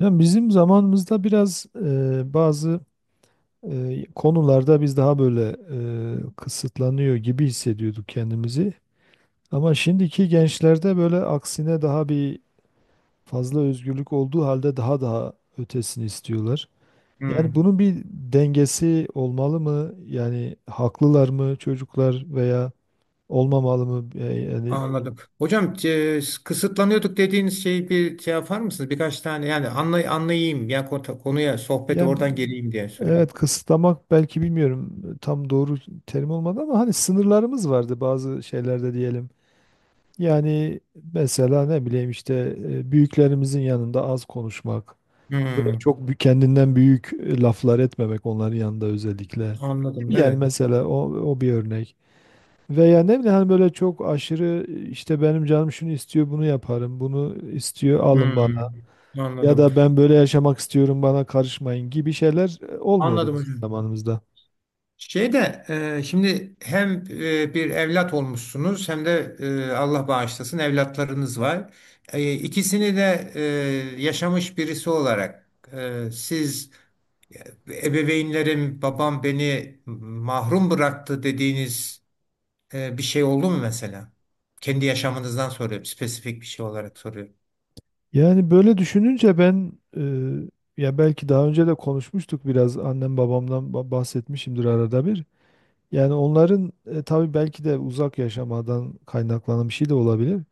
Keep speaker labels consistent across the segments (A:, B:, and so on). A: Yani bizim zamanımızda biraz bazı konularda biz daha böyle kısıtlanıyor gibi hissediyorduk kendimizi. Ama şimdiki gençlerde böyle aksine daha bir fazla özgürlük olduğu halde daha ötesini istiyorlar. Yani
B: Hmm,
A: bunun bir dengesi olmalı mı? Yani haklılar mı çocuklar veya olmamalı mı? Yani
B: anladım. Hocam kısıtlanıyorduk dediğiniz şeyi bir şey yapar mısınız? Birkaç tane yani anlayayım ya konuya sohbeti
A: ya
B: oradan geleyim diye
A: evet,
B: söylüyorum.
A: kısıtlamak belki, bilmiyorum, tam doğru terim olmadı ama hani sınırlarımız vardı bazı şeylerde diyelim. Yani mesela ne bileyim işte büyüklerimizin yanında az konuşmak, böyle
B: Hmm,
A: kendinden büyük laflar etmemek onların yanında özellikle.
B: anladım,
A: Yani
B: evet.
A: mesela o bir örnek. Veya ne bileyim hani böyle çok aşırı işte benim canım şunu istiyor bunu yaparım, bunu istiyor alın bana.
B: Hmm,
A: Ya
B: anladım.
A: da ben böyle yaşamak istiyorum bana karışmayın gibi şeyler olmuyordu
B: Anladım
A: bizim
B: hocam.
A: zamanımızda.
B: Şey de, şimdi hem bir evlat olmuşsunuz hem de Allah bağışlasın evlatlarınız var. İkisini de yaşamış birisi olarak e, siz, E, ebeveynlerim, babam beni mahrum bıraktı dediğiniz bir şey oldu mu mesela? Kendi yaşamınızdan soruyorum. Spesifik bir şey olarak soruyorum.
A: Yani böyle düşününce ben ya belki daha önce de konuşmuştuk biraz annem babamdan bahsetmişimdir arada bir. Yani onların tabii belki de uzak yaşamadan kaynaklanan bir şey de olabilir.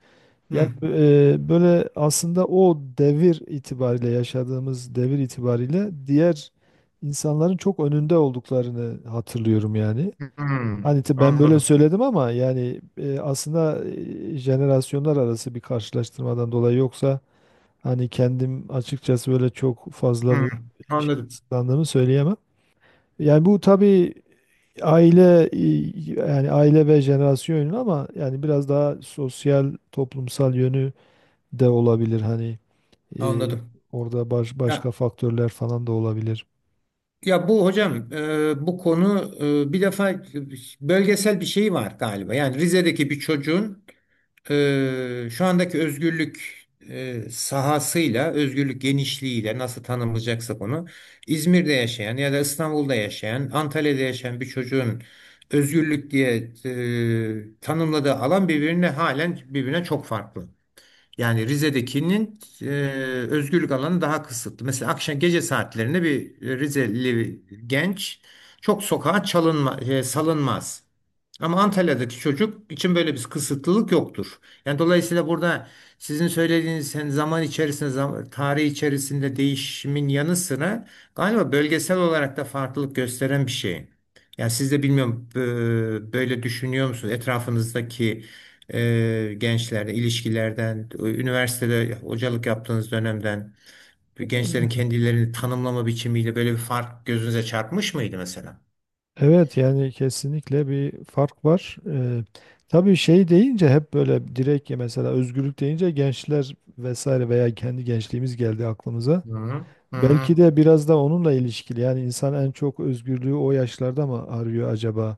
A: Yani
B: Hı.
A: böyle aslında o devir itibariyle yaşadığımız devir itibariyle diğer insanların çok önünde olduklarını hatırlıyorum yani. Hani ben böyle
B: Anladım.
A: söyledim ama yani aslında jenerasyonlar arası bir karşılaştırmadan dolayı, yoksa hani kendim açıkçası böyle çok fazla bir
B: Hmm,
A: iş
B: anladım.
A: kısıtlandığımı söyleyemem. Yani bu tabii aile yani aile ve jenerasyon yönü ama yani biraz daha sosyal toplumsal yönü de olabilir hani e,
B: Anladım.
A: orada başka
B: Ya
A: faktörler falan da olabilir.
B: ya bu hocam, bu konu, bir defa bölgesel bir şey var galiba. Yani Rize'deki bir çocuğun, şu andaki özgürlük sahasıyla, özgürlük genişliğiyle nasıl tanımlayacaksak onu, İzmir'de yaşayan ya da İstanbul'da yaşayan, Antalya'da yaşayan bir çocuğun özgürlük diye tanımladığı alan halen birbirine çok farklı. Yani Rize'dekinin özgürlük alanı daha kısıtlı. Mesela akşam gece saatlerinde bir Rizeli genç çok sokağa salınmaz. Ama Antalya'daki çocuk için böyle bir kısıtlılık yoktur. Yani dolayısıyla burada sizin söylediğiniz sen zaman içerisinde, tarih içerisinde değişimin yanı sıra galiba bölgesel olarak da farklılık gösteren bir şey. Yani siz de bilmiyorum, böyle düşünüyor musunuz? Etrafınızdaki gençlerle ilişkilerden, üniversitede hocalık yaptığınız dönemden gençlerin kendilerini tanımlama biçimiyle böyle bir fark gözünüze çarpmış mıydı mesela?
A: Evet yani kesinlikle bir fark var. Tabii şey deyince hep böyle direkt ya, mesela özgürlük deyince gençler vesaire veya kendi gençliğimiz geldi aklımıza.
B: Hı hı. Hı
A: Belki
B: hı.
A: de biraz da onunla ilişkili. Yani insan en çok özgürlüğü o yaşlarda mı arıyor acaba?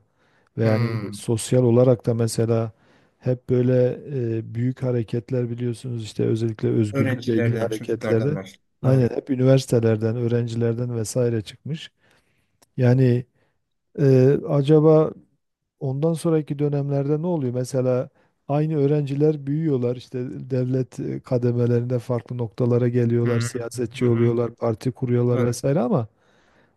A: Ve yani
B: Hı.
A: sosyal olarak da mesela hep böyle büyük hareketler, biliyorsunuz işte, özellikle özgürlükle ilgili
B: Öğrencilerden, çocuklardan
A: hareketlerde.
B: var.
A: Aynen
B: Doğru.
A: hep üniversitelerden, öğrencilerden vesaire çıkmış. Yani acaba ondan sonraki dönemlerde ne oluyor? Mesela aynı öğrenciler büyüyorlar işte, devlet kademelerinde farklı noktalara
B: Hı
A: geliyorlar,
B: hı. Hı
A: siyasetçi
B: hı.
A: oluyorlar, parti kuruyorlar
B: Doğru.
A: vesaire ama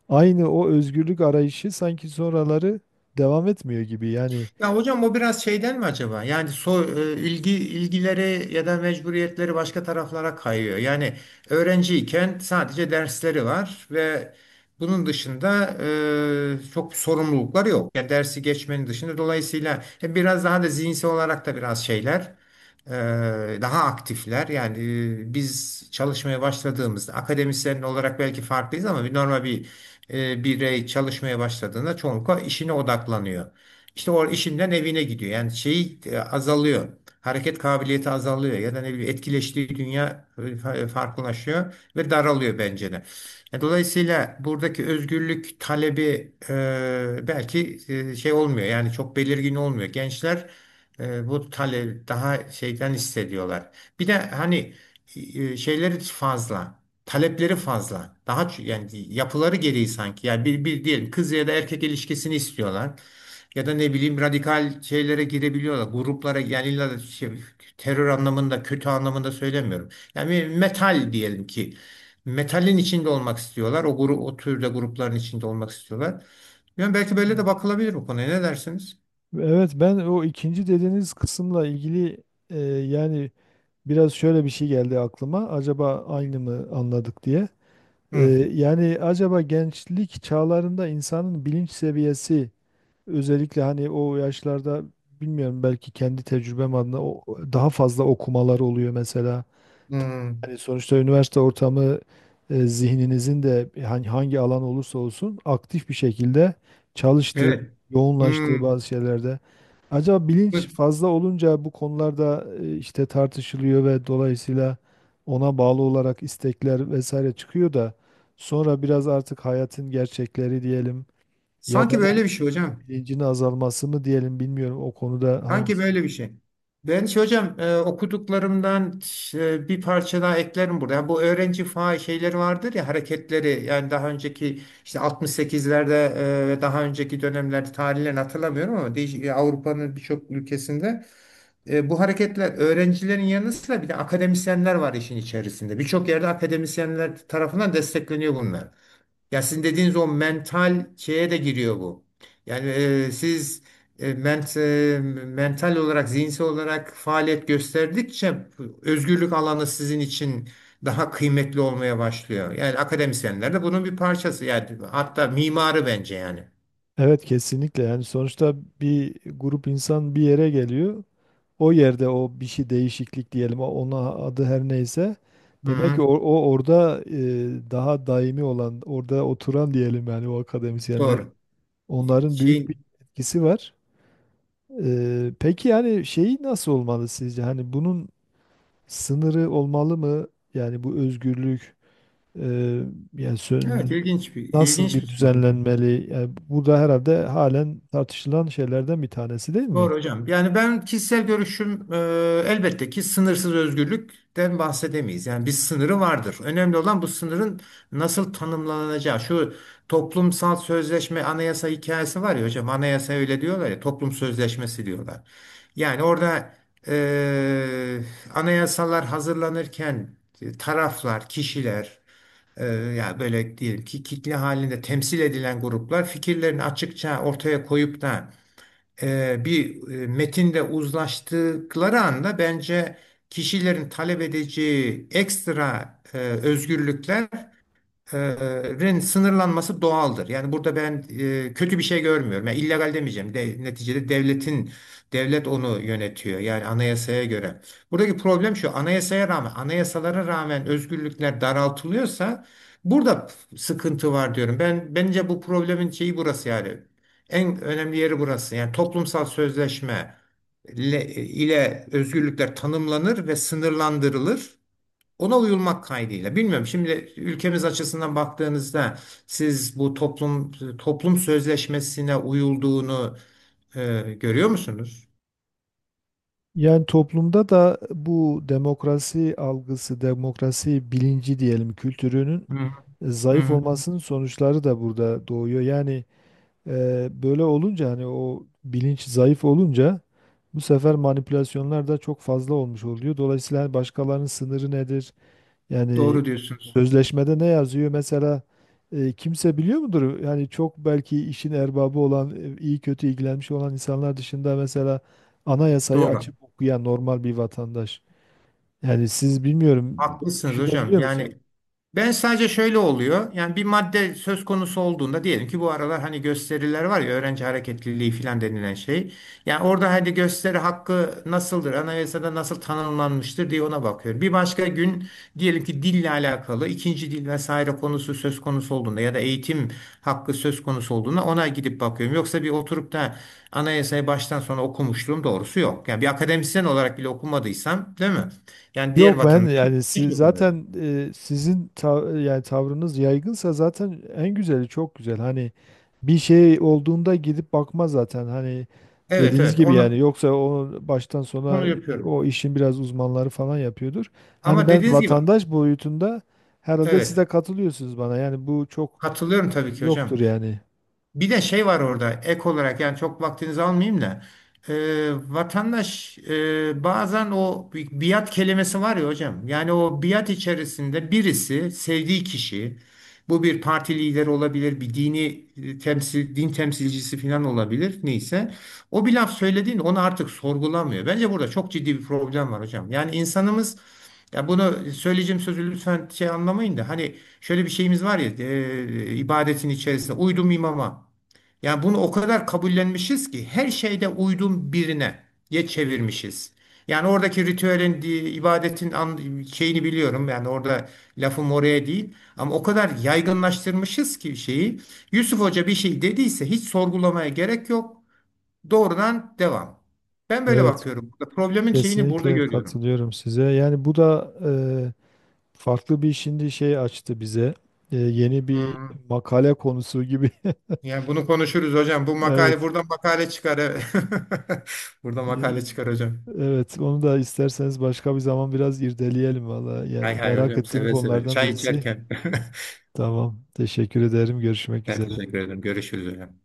A: aynı o özgürlük arayışı sanki sonraları devam etmiyor gibi. Yani
B: Ya hocam, o biraz şeyden mi acaba? Yani ilgileri ya da mecburiyetleri başka taraflara kayıyor. Yani öğrenciyken sadece dersleri var ve bunun dışında çok sorumlulukları yok. Yani dersi geçmenin dışında, dolayısıyla biraz daha da zihinsel olarak da biraz şeyler, e, daha aktifler. Yani biz çalışmaya başladığımızda akademisyen olarak belki farklıyız ama normal bir birey çalışmaya başladığında çoğunlukla işine odaklanıyor. İşte o işinden evine gidiyor. Yani şey, azalıyor. Hareket kabiliyeti azalıyor ya da ne bileyim etkileştiği dünya farklılaşıyor ve daralıyor bence de. Dolayısıyla buradaki özgürlük talebi belki şey olmuyor, yani çok belirgin olmuyor. Gençler bu talebi daha şeyden hissediyorlar. Bir de hani şeyleri fazla. Talepleri fazla. Yani yapıları gereği sanki. Yani bir diyelim kız ya da erkek ilişkisini istiyorlar. Ya da ne bileyim radikal şeylere girebiliyorlar. Gruplara, yani illa da şey, terör anlamında, kötü anlamında söylemiyorum. Yani metal diyelim ki, metalin içinde olmak istiyorlar. O grup, o türde grupların içinde olmak istiyorlar. Yani belki böyle de bakılabilir bu konuya. Ne dersiniz?
A: evet, ben o ikinci dediğiniz kısımla ilgili yani biraz şöyle bir şey geldi aklıma. Acaba aynı mı anladık diye. E,
B: Hı.
A: Yani acaba gençlik çağlarında insanın bilinç seviyesi, özellikle hani o yaşlarda, bilmiyorum belki kendi tecrübem adına, daha fazla okumalar oluyor mesela.
B: Hı.
A: Hani sonuçta üniversite ortamı zihninizin de hani hangi alan olursa olsun aktif bir şekilde çalıştığı,
B: Evet. Hı.
A: yoğunlaştığı bazı şeylerde. Acaba bilinç fazla olunca bu konularda işte tartışılıyor ve dolayısıyla ona bağlı olarak istekler vesaire çıkıyor da sonra biraz artık hayatın gerçekleri diyelim, ya da
B: Sanki
A: o
B: böyle bir şey hocam.
A: bilincin azalması mı diyelim, bilmiyorum o konuda
B: Sanki
A: hangisi.
B: böyle bir şey. Ben şey hocam, okuduklarımdan bir parça daha eklerim burada. Yani bu öğrenci faal şeyleri vardır ya, hareketleri, yani daha önceki işte 68'lerde ve daha önceki dönemlerde, tarihlerini hatırlamıyorum ama, Avrupa'nın birçok ülkesinde bu hareketler öğrencilerin yanı sıra bir de akademisyenler var işin içerisinde. Birçok yerde akademisyenler tarafından destekleniyor bunlar. Ya sizin dediğiniz o mental şeye de giriyor bu. Yani e, siz e, ment, e, mental olarak, zihinsel olarak faaliyet gösterdikçe özgürlük alanı sizin için daha kıymetli olmaya başlıyor. Yani akademisyenler de bunun bir parçası. Yani hatta mimarı bence yani.
A: Evet kesinlikle, yani sonuçta bir grup insan bir yere geliyor. O yerde o bir şey, değişiklik diyelim, ona adı her neyse.
B: Hı
A: Demek ki
B: hı,
A: o orada daha daimi olan, orada oturan diyelim, yani o akademisyenler.
B: doğru.
A: Onların büyük
B: Şey,
A: bir etkisi var. Peki yani şey, nasıl olmalı sizce? Hani bunun sınırı olmalı mı? Yani bu özgürlük e, yani
B: evet, ilginç bir
A: nasıl
B: ilginç bir
A: bir
B: soru.
A: düzenlenmeli? Yani bu da herhalde halen tartışılan şeylerden bir tanesi değil mi?
B: Doğru hocam. Yani ben kişisel görüşüm, elbette ki sınırsız özgürlükten bahsedemeyiz. Yani bir sınırı vardır. Önemli olan bu sınırın nasıl tanımlanacağı. Şu toplumsal sözleşme, anayasa hikayesi var ya hocam. Anayasa öyle diyorlar ya, toplum sözleşmesi diyorlar. Yani orada e, anayasalar hazırlanırken taraflar, kişiler, yani böyle diyelim ki kitle halinde temsil edilen gruplar fikirlerini açıkça ortaya koyup da metinde uzlaştıkları anda bence kişilerin talep edeceği ekstra özgürlükler rin sınırlanması doğaldır. Yani burada ben kötü bir şey görmüyorum. Yani illegal demeyeceğim. De, neticede devlet onu yönetiyor. Yani anayasaya göre. Buradaki problem şu. Anayasalara rağmen özgürlükler daraltılıyorsa burada sıkıntı var diyorum. Ben, bence bu problemin şeyi burası yani. En önemli yeri burası. Yani toplumsal sözleşme ile özgürlükler tanımlanır ve sınırlandırılır. Ona uyulmak kaydıyla. Bilmiyorum, şimdi ülkemiz açısından baktığınızda siz bu toplum sözleşmesine uyulduğunu görüyor musunuz?
A: Yani toplumda da bu demokrasi algısı, demokrasi bilinci diyelim, kültürünün
B: Hı
A: zayıf
B: hı.
A: olmasının sonuçları da burada doğuyor. Yani böyle olunca, hani o bilinç zayıf olunca, bu sefer manipülasyonlar da çok fazla olmuş oluyor. Dolayısıyla hani başkalarının sınırı nedir? Yani
B: Doğru diyorsunuz.
A: sözleşmede ne yazıyor? Mesela kimse biliyor mudur? Yani çok belki işin erbabı olan, iyi kötü ilgilenmiş olan insanlar dışında, mesela anayasayı
B: Doğru.
A: açıp okuyan normal bir vatandaş. Yani siz bilmiyorum, böyle
B: Haklısınız hocam.
A: düşünebiliyor musunuz?
B: Yani ben sadece şöyle oluyor. Yani bir madde söz konusu olduğunda, diyelim ki bu aralar hani gösteriler var ya, öğrenci hareketliliği filan denilen şey. Yani orada hadi gösteri hakkı nasıldır, anayasada nasıl tanımlanmıştır diye ona bakıyorum. Bir başka gün diyelim ki dille alakalı ikinci dil vesaire konusu söz konusu olduğunda ya da eğitim hakkı söz konusu olduğunda ona gidip bakıyorum. Yoksa bir oturup da anayasayı baştan sona okumuşluğum doğrusu yok. Yani bir akademisyen olarak bile okumadıysam, değil mi? Yani diğer
A: Yok ben
B: vatandaş
A: yani,
B: hiç okumuyorum.
A: zaten sizin yani tavrınız yaygınsa zaten en güzeli, çok güzel. Hani bir şey olduğunda gidip bakma zaten. Hani
B: Evet
A: dediğiniz
B: evet
A: gibi, yani
B: onu
A: yoksa onu baştan
B: onu
A: sona
B: yapıyorum.
A: o işin biraz uzmanları falan yapıyordur. Hani
B: Ama
A: ben
B: dediğiniz gibi,
A: vatandaş boyutunda, herhalde siz
B: evet,
A: de katılıyorsunuz bana, yani bu çok
B: katılıyorum tabii ki hocam.
A: yoktur yani.
B: Bir de şey var orada ek olarak, yani çok vaktinizi almayayım da e, vatandaş, bazen o, biat kelimesi var ya hocam, yani o biat içerisinde birisi sevdiği kişi, bu bir parti lideri olabilir, bir dini e, temsil din temsilcisi falan olabilir, neyse, o bir laf söylediğinde onu artık sorgulamıyor. Bence burada çok ciddi bir problem var hocam, yani insanımız, ya bunu söyleyeceğim, sözü lütfen şey anlamayın da hani, şöyle bir şeyimiz var ya, ibadetin içerisinde uydum imama. Yani bunu o kadar kabullenmişiz ki her şeyde uydum birine diye çevirmişiz. Yani oradaki ritüelin, ibadetin, şeyini biliyorum. Yani orada lafım oraya değil. Ama o kadar yaygınlaştırmışız ki şeyi. Yusuf Hoca bir şey dediyse hiç sorgulamaya gerek yok. Doğrudan devam. Ben böyle
A: Evet,
B: bakıyorum. Problemin şeyini burada
A: kesinlikle
B: görüyorum.
A: katılıyorum size. Yani bu da farklı bir şimdi şey açtı bize. Yeni bir
B: Hı.
A: makale konusu gibi.
B: Yani bunu konuşuruz hocam. Bu makale,
A: Evet.
B: buradan makale çıkar, evet. Burada
A: Y-
B: makale çıkar hocam.
A: Evet, onu da isterseniz başka bir zaman biraz irdeleyelim valla.
B: Hay
A: Yani
B: hay
A: merak
B: hocam,
A: ettiğim
B: seve seve.
A: konulardan
B: Çay
A: birisi.
B: içerken.
A: Tamam. Teşekkür ederim. Görüşmek
B: Ben
A: üzere.
B: teşekkür ederim. Görüşürüz hocam.